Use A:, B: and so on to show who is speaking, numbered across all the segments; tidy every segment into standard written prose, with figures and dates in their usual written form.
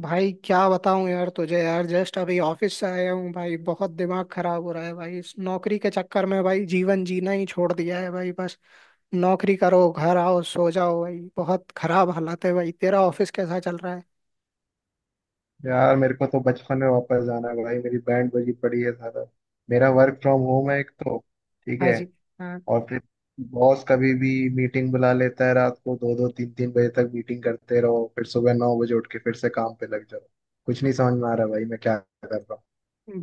A: भाई क्या बताऊं यार तुझे। यार जस्ट अभी ऑफिस से आया हूँ भाई। बहुत दिमाग खराब हो रहा है भाई। इस नौकरी के चक्कर में भाई जीवन जीना ही छोड़ दिया है भाई। बस नौकरी करो, घर आओ, सो जाओ भाई। बहुत खराब हालत है भाई। तेरा ऑफिस कैसा चल रहा है?
B: यार मेरे को तो बचपन में वापस जाना है भाई। मेरी बैंड बजी पड़ी है। सारा मेरा वर्क फ्रॉम होम है एक तो। ठीक
A: हाँ
B: है।
A: जी। हाँ।
B: और फिर बॉस कभी भी मीटिंग बुला लेता है। रात को 2, 2-3, 3 बजे तक मीटिंग करते रहो, फिर सुबह 9 बजे उठ के फिर से काम पे लग जाओ। कुछ नहीं समझ में आ रहा भाई मैं क्या कर रहा हूँ।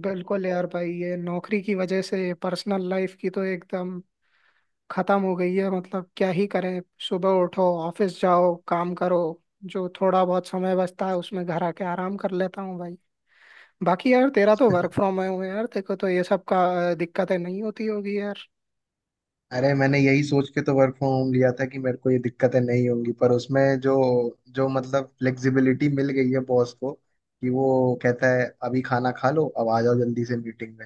A: बिल्कुल यार भाई, ये नौकरी की वजह से पर्सनल लाइफ की तो एकदम खत्म हो गई है। मतलब क्या ही करें। सुबह उठो, ऑफिस जाओ, काम करो। जो थोड़ा बहुत समय बचता है उसमें घर आके आराम कर लेता हूँ भाई। बाकी यार तेरा तो वर्क फ्रॉम होम है यार, देखो तो ये सब का दिक्कतें नहीं होती होगी यार।
B: अरे मैंने यही सोच के तो वर्क फ्रॉम होम लिया था कि मेरे को ये दिक्कतें नहीं होंगी, पर उसमें जो जो मतलब फ्लेक्सिबिलिटी मिल गई है बॉस को कि वो कहता है अभी खाना खा लो, अब आ जाओ जल्दी से मीटिंग में।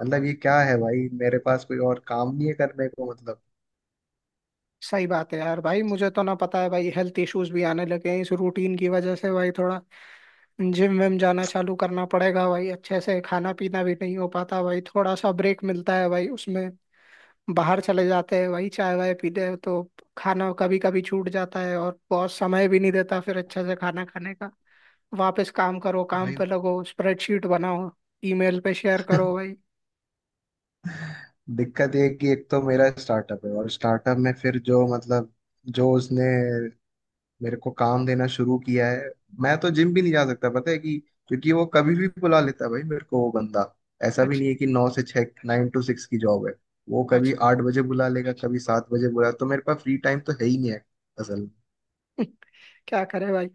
B: मतलब ये क्या है भाई, मेरे पास कोई और काम नहीं है करने को मतलब।
A: सही बात है यार भाई। मुझे तो ना पता है भाई, हेल्थ इश्यूज भी आने लगे हैं इस रूटीन की वजह से भाई। थोड़ा जिम विम जाना चालू करना पड़ेगा भाई। अच्छे से खाना पीना भी नहीं हो पाता भाई। थोड़ा सा ब्रेक मिलता है भाई उसमें बाहर चले जाते हैं भाई, चाय वाय पीते हैं। तो खाना कभी कभी छूट जाता है, और बॉस समय भी नहीं देता फिर अच्छे से खाना खाने का। वापस काम करो, काम
B: भाई
A: पे लगो, स्प्रेडशीट बनाओ, ईमेल पे शेयर करो भाई।
B: दिक्कत ये है कि एक तो मेरा स्टार्टअप है, और स्टार्टअप में फिर जो मतलब जो उसने मेरे को काम देना शुरू किया है। मैं तो जिम भी नहीं जा सकता, पता है कि, क्योंकि वो कभी भी बुला लेता है भाई मेरे को वो बंदा। ऐसा भी
A: अच्छा।
B: नहीं है कि 9 से 6 9 to 6 की जॉब है। वो कभी
A: अच्छा।
B: 8 बजे बुला लेगा, कभी 7 बजे बुला, तो मेरे पास फ्री टाइम तो है ही नहीं है असल में।
A: क्या करे भाई।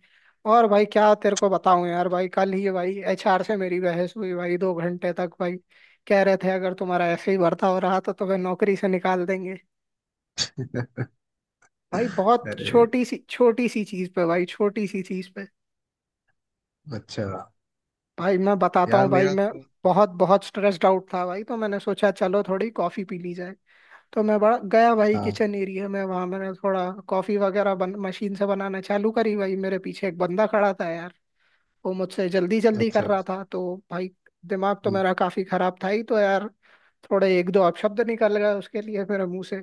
A: और भाई क्या तेरे को बताऊं यार भाई, कल ही भाई एचआर से मेरी बहस हुई भाई, 2 घंटे तक भाई। कह रहे थे अगर तुम्हारा ऐसे ही भर्ता हो रहा तो तुम्हें नौकरी से निकाल देंगे भाई। बहुत
B: अरे,
A: छोटी सी चीज पे भाई, छोटी सी चीज पे
B: अच्छा।
A: भाई। मैं बताता
B: यार
A: हूँ भाई,
B: मेरा
A: मैं
B: तो।
A: बहुत बहुत स्ट्रेस्ड आउट था भाई, तो मैंने सोचा चलो थोड़ी कॉफी पी ली जाए। तो मैं बड़ा गया भाई
B: हाँ।
A: किचन एरिया में। वहां मैंने थोड़ा कॉफी वगैरह मशीन से बनाना चालू करी भाई। मेरे पीछे एक बंदा खड़ा था, वो मुझसे जल्दी जल्दी कर
B: अच्छा।
A: रहा था, तो भाई दिमाग तो
B: हम्म।
A: मेरा काफी खराब था ही, तो यार थोड़े एक दो अपशब्द निकल गए उसके लिए मेरे मुंह से।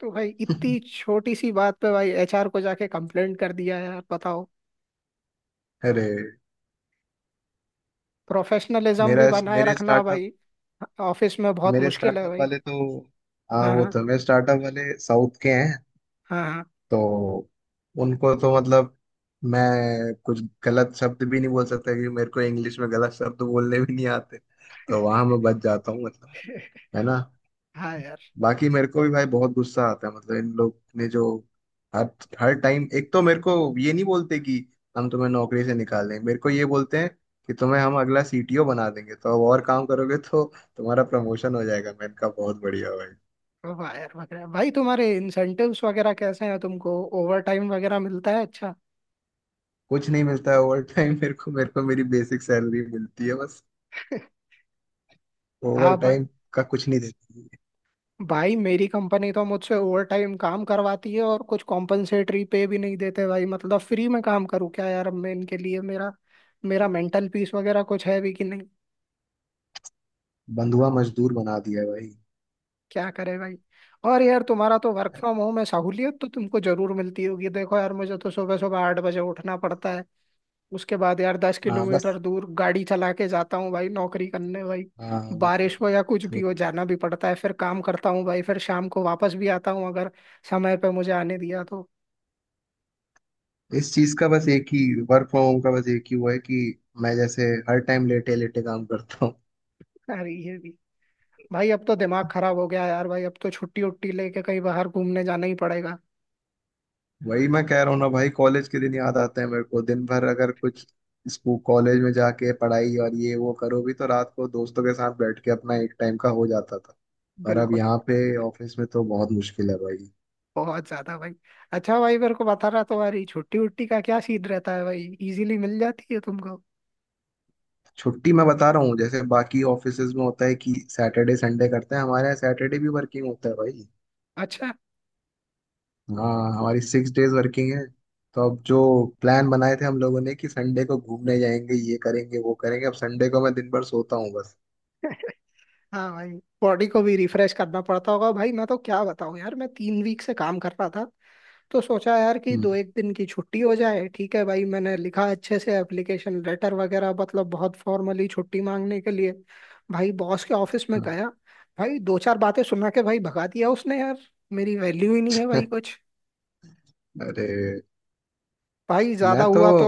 A: तो भाई इतनी छोटी सी बात पे भाई एचआर को जाके कंप्लेंट कर दिया। यार बताओ,
B: अरे
A: प्रोफेशनलिज्म
B: मेरा
A: भी बनाए
B: मेरे
A: रखना
B: स्टार्टअप
A: भाई ऑफिस में बहुत
B: मेरे
A: मुश्किल है
B: स्टार्टअप
A: भाई।
B: वाले तो। हाँ,
A: हाँ
B: वो
A: हाँ।
B: तो मेरे स्टार्टअप वाले साउथ के हैं।
A: हाँ हाँ।
B: तो उनको तो मतलब मैं कुछ गलत शब्द भी नहीं बोल सकता क्योंकि मेरे को इंग्लिश में गलत शब्द बोलने भी नहीं आते। तो वहां मैं बच जाता हूँ मतलब, है ना।
A: हाँ यार।
B: बाकी मेरे को भी भाई बहुत गुस्सा आता है, मतलब इन लोग ने जो हर हर टाइम एक तो मेरे को ये नहीं बोलते कि हम तुम्हें नौकरी से निकाल देंगे, मेरे को ये बोलते हैं कि तुम्हें हम अगला CTO बना देंगे, तो अब और काम करोगे तो तुम्हारा प्रमोशन हो जाएगा। मैंने कहा बहुत बढ़िया भाई।
A: वाह यार, वगैरह भाई तुम्हारे इंसेंटिव्स वगैरह कैसे हैं? तुमको ओवर टाइम वगैरह मिलता है? अच्छा।
B: कुछ नहीं मिलता है ओवर टाइम। मेरे को मेरी बेसिक सैलरी मिलती है, ओवर
A: हाँ भाई।
B: टाइम का कुछ नहीं देती है।
A: भाई मेरी कंपनी तो मुझसे ओवर टाइम काम करवाती है और कुछ कॉम्पनसेटरी पे भी नहीं देते भाई। मतलब फ्री में काम करूँ क्या यार अब मैं इनके लिए? मेरा मेरा मेंटल पीस वगैरह कुछ है भी कि नहीं?
B: बंधुआ मजदूर बना दिया है भाई।
A: क्या करे भाई। और यार तुम्हारा तो वर्क फ्रॉम होम है, सहूलियत तो तुमको जरूर मिलती होगी। देखो यार मुझे तो सुबह सुबह 8 बजे उठना पड़ता है। उसके बाद यार दस
B: हाँ बस।
A: किलोमीटर दूर गाड़ी चला के जाता हूँ भाई नौकरी करने भाई।
B: हाँ वो तो है।
A: बारिश हो या कुछ भी
B: वो तो
A: हो जाना भी पड़ता है, फिर काम करता हूँ भाई, फिर शाम को वापस भी आता हूँ, अगर समय पे मुझे आने दिया तो।
B: इस चीज का बस एक ही, वर्क फ्रॉम होम का बस एक ही वो है कि मैं जैसे हर टाइम लेटे लेटे काम करता हूँ।
A: अरे ये भी भाई, अब तो दिमाग खराब हो गया यार भाई। अब तो छुट्टी उट्टी लेके कहीं बाहर घूमने जाना ही पड़ेगा।
B: वही मैं कह रहा हूँ ना भाई, कॉलेज के दिन याद आते हैं मेरे को। दिन भर अगर कुछ स्कूल कॉलेज में जाके पढ़ाई और ये वो करो भी, तो रात को दोस्तों के साथ बैठ के अपना एक टाइम का हो जाता था। पर अब
A: बिल्कुल।
B: यहाँ पे ऑफिस में तो बहुत मुश्किल है भाई।
A: बहुत ज्यादा भाई। अच्छा भाई मेरे को बता रहा, तुम्हारी छुट्टी उट्टी का क्या सीन रहता है भाई? इजीली मिल जाती है तुमको?
B: छुट्टी मैं बता रहा हूँ, जैसे बाकी ऑफिसेज में होता है कि सैटरडे संडे करते हैं, हमारे यहाँ सैटरडे भी वर्किंग होता है भाई।
A: अच्छा।
B: हाँ, हमारी 6 days वर्किंग है। तो अब जो प्लान बनाए थे हम लोगों ने कि संडे को घूमने जाएंगे, ये करेंगे वो करेंगे, अब संडे को मैं दिन भर सोता हूँ बस।
A: हाँ भाई। बॉडी को भी रिफ्रेश करना पड़ता होगा भाई। मैं तो क्या बताऊं यार, मैं 3 वीक से काम कर रहा था, तो सोचा यार कि
B: हम्म।
A: दो एक दिन की छुट्टी हो जाए, ठीक है भाई। मैंने लिखा अच्छे से एप्लीकेशन लेटर वगैरह, मतलब बहुत फॉर्मली छुट्टी मांगने के लिए भाई, बॉस के ऑफिस में
B: हाँ।
A: गया भाई। दो चार बातें सुना के भाई भगा दिया उसने यार। मेरी वैल्यू ही नहीं है भाई कुछ।
B: अरे।
A: भाई
B: मैं
A: ज्यादा
B: तो।
A: हुआ तो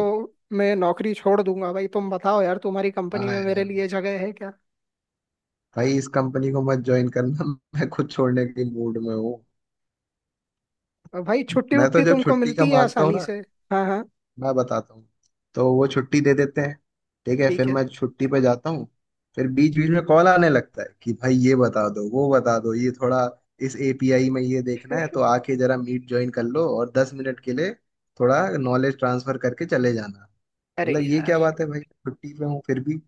A: मैं नौकरी छोड़ दूंगा भाई। तुम बताओ यार, तुम्हारी कंपनी
B: हाँ
A: में मेरे
B: यार
A: लिए जगह है क्या?
B: भाई, इस कंपनी को मत ज्वाइन करना, मैं खुद छोड़ने के मूड में हूँ।
A: और भाई छुट्टी
B: मैं तो
A: उट्टी
B: जब
A: तुमको
B: छुट्टी का
A: मिलती है
B: मांगता हूँ
A: आसानी
B: ना,
A: से? हाँ हाँ।
B: मैं बताता हूँ, तो वो छुट्टी दे देते हैं। ठीक है,
A: ठीक
B: फिर
A: है।
B: मैं छुट्टी पे जाता हूँ। फिर बीच बीच में कॉल आने लगता है कि भाई ये बता दो वो बता दो, ये थोड़ा इस API में ये देखना है, तो आके जरा मीट ज्वाइन कर लो और 10 मिनट के लिए थोड़ा नॉलेज ट्रांसफर करके चले जाना।
A: अरे
B: मतलब ये
A: यार,
B: क्या बात है भाई, छुट्टी पे हूँ फिर भी।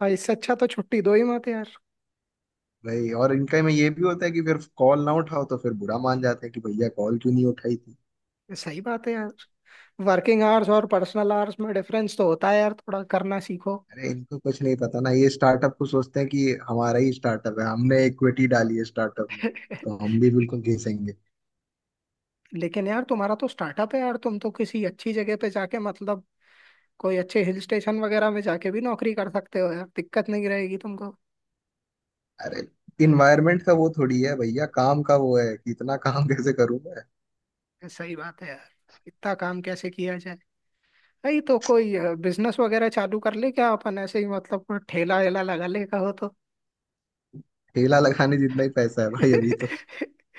A: भाई इससे अच्छा तो छुट्टी दो ही मत यार।
B: भाई और इनका में ये भी होता है कि फिर कॉल ना उठाओ तो फिर बुरा मान जाते हैं कि भैया कॉल क्यों नहीं उठाई।
A: सही बात है यार, वर्किंग आवर्स और पर्सनल आवर्स में डिफरेंस तो होता है यार, थोड़ा करना सीखो।
B: अरे इनको कुछ नहीं पता ना, ये स्टार्टअप को सोचते हैं कि हमारा ही स्टार्टअप है, हमने इक्विटी डाली है स्टार्टअप में, तो हम भी बिल्कुल घिसेंगे।
A: लेकिन यार तुम्हारा तो स्टार्टअप है यार, तुम तो किसी अच्छी जगह पे जाके मतलब कोई अच्छे हिल स्टेशन वगैरह में जाके भी नौकरी कर सकते हो यार, दिक्कत नहीं रहेगी तुमको।
B: अरे इन्वायरमेंट का वो थोड़ी है भैया, काम का वो है कि इतना काम कैसे करूं मैं।
A: सही बात है यार। इतना काम कैसे किया जाए। भाई तो कोई बिजनेस वगैरह चालू कर ले क्या अपन ऐसे ही, मतलब कोई ठेला वेला लगा ले कहो तो।
B: ठेला लगाने जितना ही पैसा है भाई अभी तो।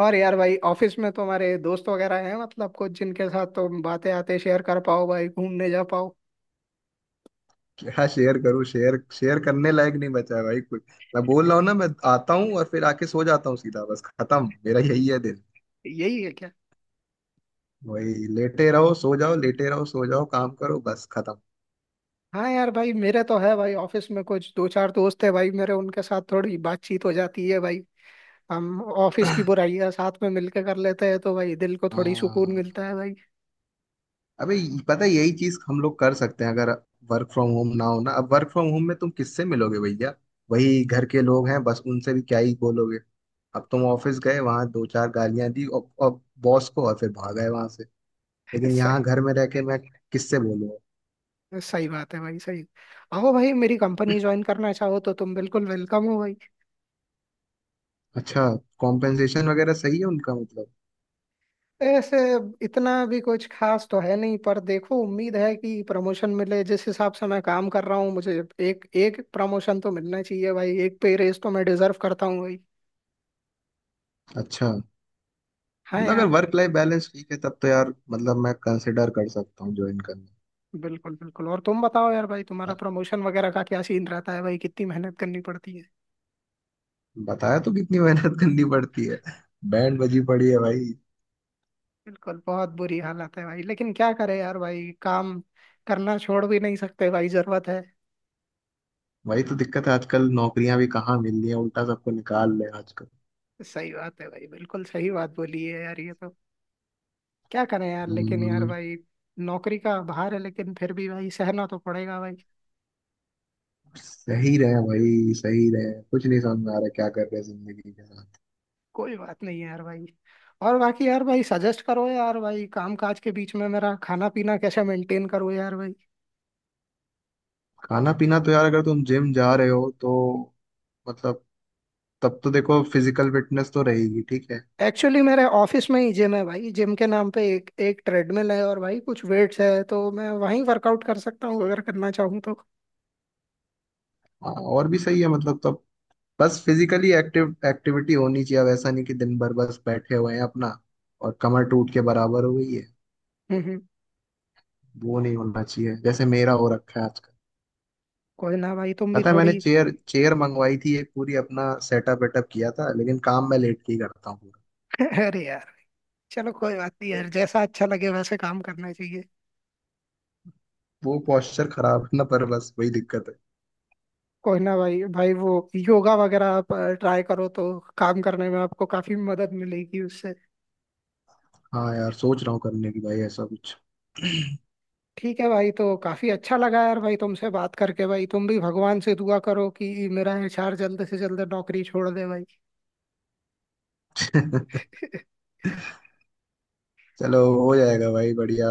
A: और यार भाई ऑफिस में तुम्हारे दोस्त वगैरह हैं, मतलब कुछ जिनके साथ तुम बातें आते शेयर कर पाओ भाई, घूमने जा पाओ?
B: क्या शेयर करूं, शेयर शेयर करने लायक नहीं बचा है भाई कुछ। मैं बोल रहा हूँ ना, मैं आता हूँ और फिर आके सो जाता हूँ सीधा बस, खत्म। मेरा यही है दिन,
A: यही है क्या?
B: वही लेटे रहो सो जाओ, लेटे रहो सो जाओ, काम करो, बस खत्म।
A: हाँ यार भाई, मेरे तो है भाई ऑफिस में कुछ दो चार दोस्त है भाई मेरे, उनके साथ थोड़ी बातचीत हो जाती है भाई। हम ऑफिस की बुराइयां साथ में मिलकर कर लेते हैं, तो भाई दिल को थोड़ी सुकून
B: हाँ।
A: मिलता है भाई।
B: पता है, यही चीज हम लोग कर सकते हैं अगर वर्क फ्रॉम होम ना हो ना। अब वर्क फ्रॉम होम में तुम किससे मिलोगे भैया, वही घर के लोग हैं बस, उनसे भी क्या ही बोलोगे। अब तुम ऑफिस गए, वहां दो चार गालियां दी और बॉस को, और फिर भाग गए वहां से। लेकिन
A: सही।
B: यहाँ घर में रह के मैं किससे बोलूँ।
A: सही बात है भाई, सही। आओ भाई, मेरी कंपनी ज्वाइन करना चाहो तो तुम बिल्कुल वेलकम हो भाई।
B: अच्छा, कॉम्पेंसेशन वगैरह सही है उनका मतलब?
A: ऐसे इतना भी कुछ खास तो है नहीं, पर देखो उम्मीद है कि प्रमोशन मिले। जिस हिसाब से मैं काम कर रहा हूँ, मुझे एक एक प्रमोशन तो मिलना चाहिए भाई, एक पे रेस तो मैं डिजर्व करता हूँ भाई।
B: अच्छा,
A: हाँ
B: मतलब अगर
A: यार।
B: वर्क लाइफ बैलेंस ठीक है तब तो यार, मतलब मैं कंसिडर कर सकता हूँ ज्वाइन करना।
A: बिल्कुल बिल्कुल। और तुम बताओ यार भाई, तुम्हारा प्रमोशन वगैरह का क्या सीन रहता है भाई? कितनी मेहनत करनी पड़ती है?
B: बताया तो, कितनी मेहनत करनी पड़ती है, बैंड बजी पड़ी है भाई।
A: बिल्कुल, बहुत बुरी हालत है भाई, लेकिन क्या करे यार भाई, काम करना छोड़ भी नहीं सकते भाई, जरूरत है।
B: वही तो दिक्कत है, आजकल नौकरियां भी कहाँ मिल रही हैं, उल्टा सबको निकाल रहे हैं आजकल।
A: सही बात है भाई, बिल्कुल सही बात बोली है यार, ये तो। क्या करें यार, लेकिन यार
B: हम्म,
A: भाई नौकरी का भार है, लेकिन फिर भी भाई सहना तो पड़ेगा भाई।
B: सही रहे भाई सही रहे, कुछ नहीं समझ में आ रहा क्या कर रहे हैं जिंदगी के साथ।
A: कोई बात नहीं है यार भाई। और बाकी यार भाई सजेस्ट करो यार भाई, काम काज के बीच में मेरा खाना पीना कैसे मेंटेन करो यार भाई?
B: खाना पीना तो यार, अगर तुम जिम जा रहे हो तो मतलब, तब तो देखो फिजिकल फिटनेस तो रहेगी ठीक है।
A: एक्चुअली मेरे ऑफिस में ही जिम है भाई। जिम के नाम पे एक एक ट्रेडमिल है और भाई कुछ वेट्स है, तो मैं वहीं वर्कआउट कर सकता हूँ अगर करना चाहूँ तो।
B: हाँ, और भी सही है मतलब, तब बस फिजिकली एक्टिव एक्टिविटी होनी चाहिए। अब ऐसा नहीं कि दिन भर बस बैठे हुए हैं अपना, और कमर टूट के बराबर हो गई है।
A: हम्म।
B: वो नहीं होना चाहिए जैसे मेरा हो रखा है।
A: कोई ना भाई तुम भी
B: पता है मैंने
A: थोड़ी।
B: चेयर चेयर मंगवाई थी एक पूरी, अपना सेटअप वेटअप किया था, लेकिन काम मैं लेट के ही करता हूँ पूरा।
A: अरे यार, चलो कोई बात नहीं यार, जैसा अच्छा लगे वैसे काम करना चाहिए।
B: वो posture खराब है ना, पर बस वही दिक्कत है।
A: कोई ना भाई, भाई वो योगा वगैरह आप ट्राई करो तो काम करने में आपको काफी मदद मिलेगी उससे।
B: हाँ यार सोच रहा हूँ करने की भाई ऐसा कुछ।
A: ठीक है भाई, तो काफी अच्छा लगा यार भाई तुमसे बात करके भाई। तुम भी भगवान से दुआ करो कि मेरा एचआर जल्द से जल्द नौकरी छोड़ दे भाई।
B: चलो हो जाएगा भाई, बढ़िया।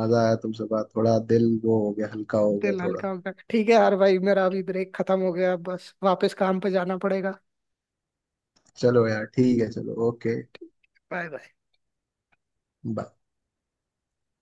B: मजा आया तुमसे बात, थोड़ा दिल वो हो गया, हल्का हो गया
A: दिल हल्का
B: थोड़ा।
A: हो गया, ठीक है यार भाई। मेरा अभी ब्रेक खत्म हो गया, बस वापस काम पे जाना पड़ेगा।
B: चलो यार ठीक है, चलो ओके,
A: बाय बाय।
B: बाय।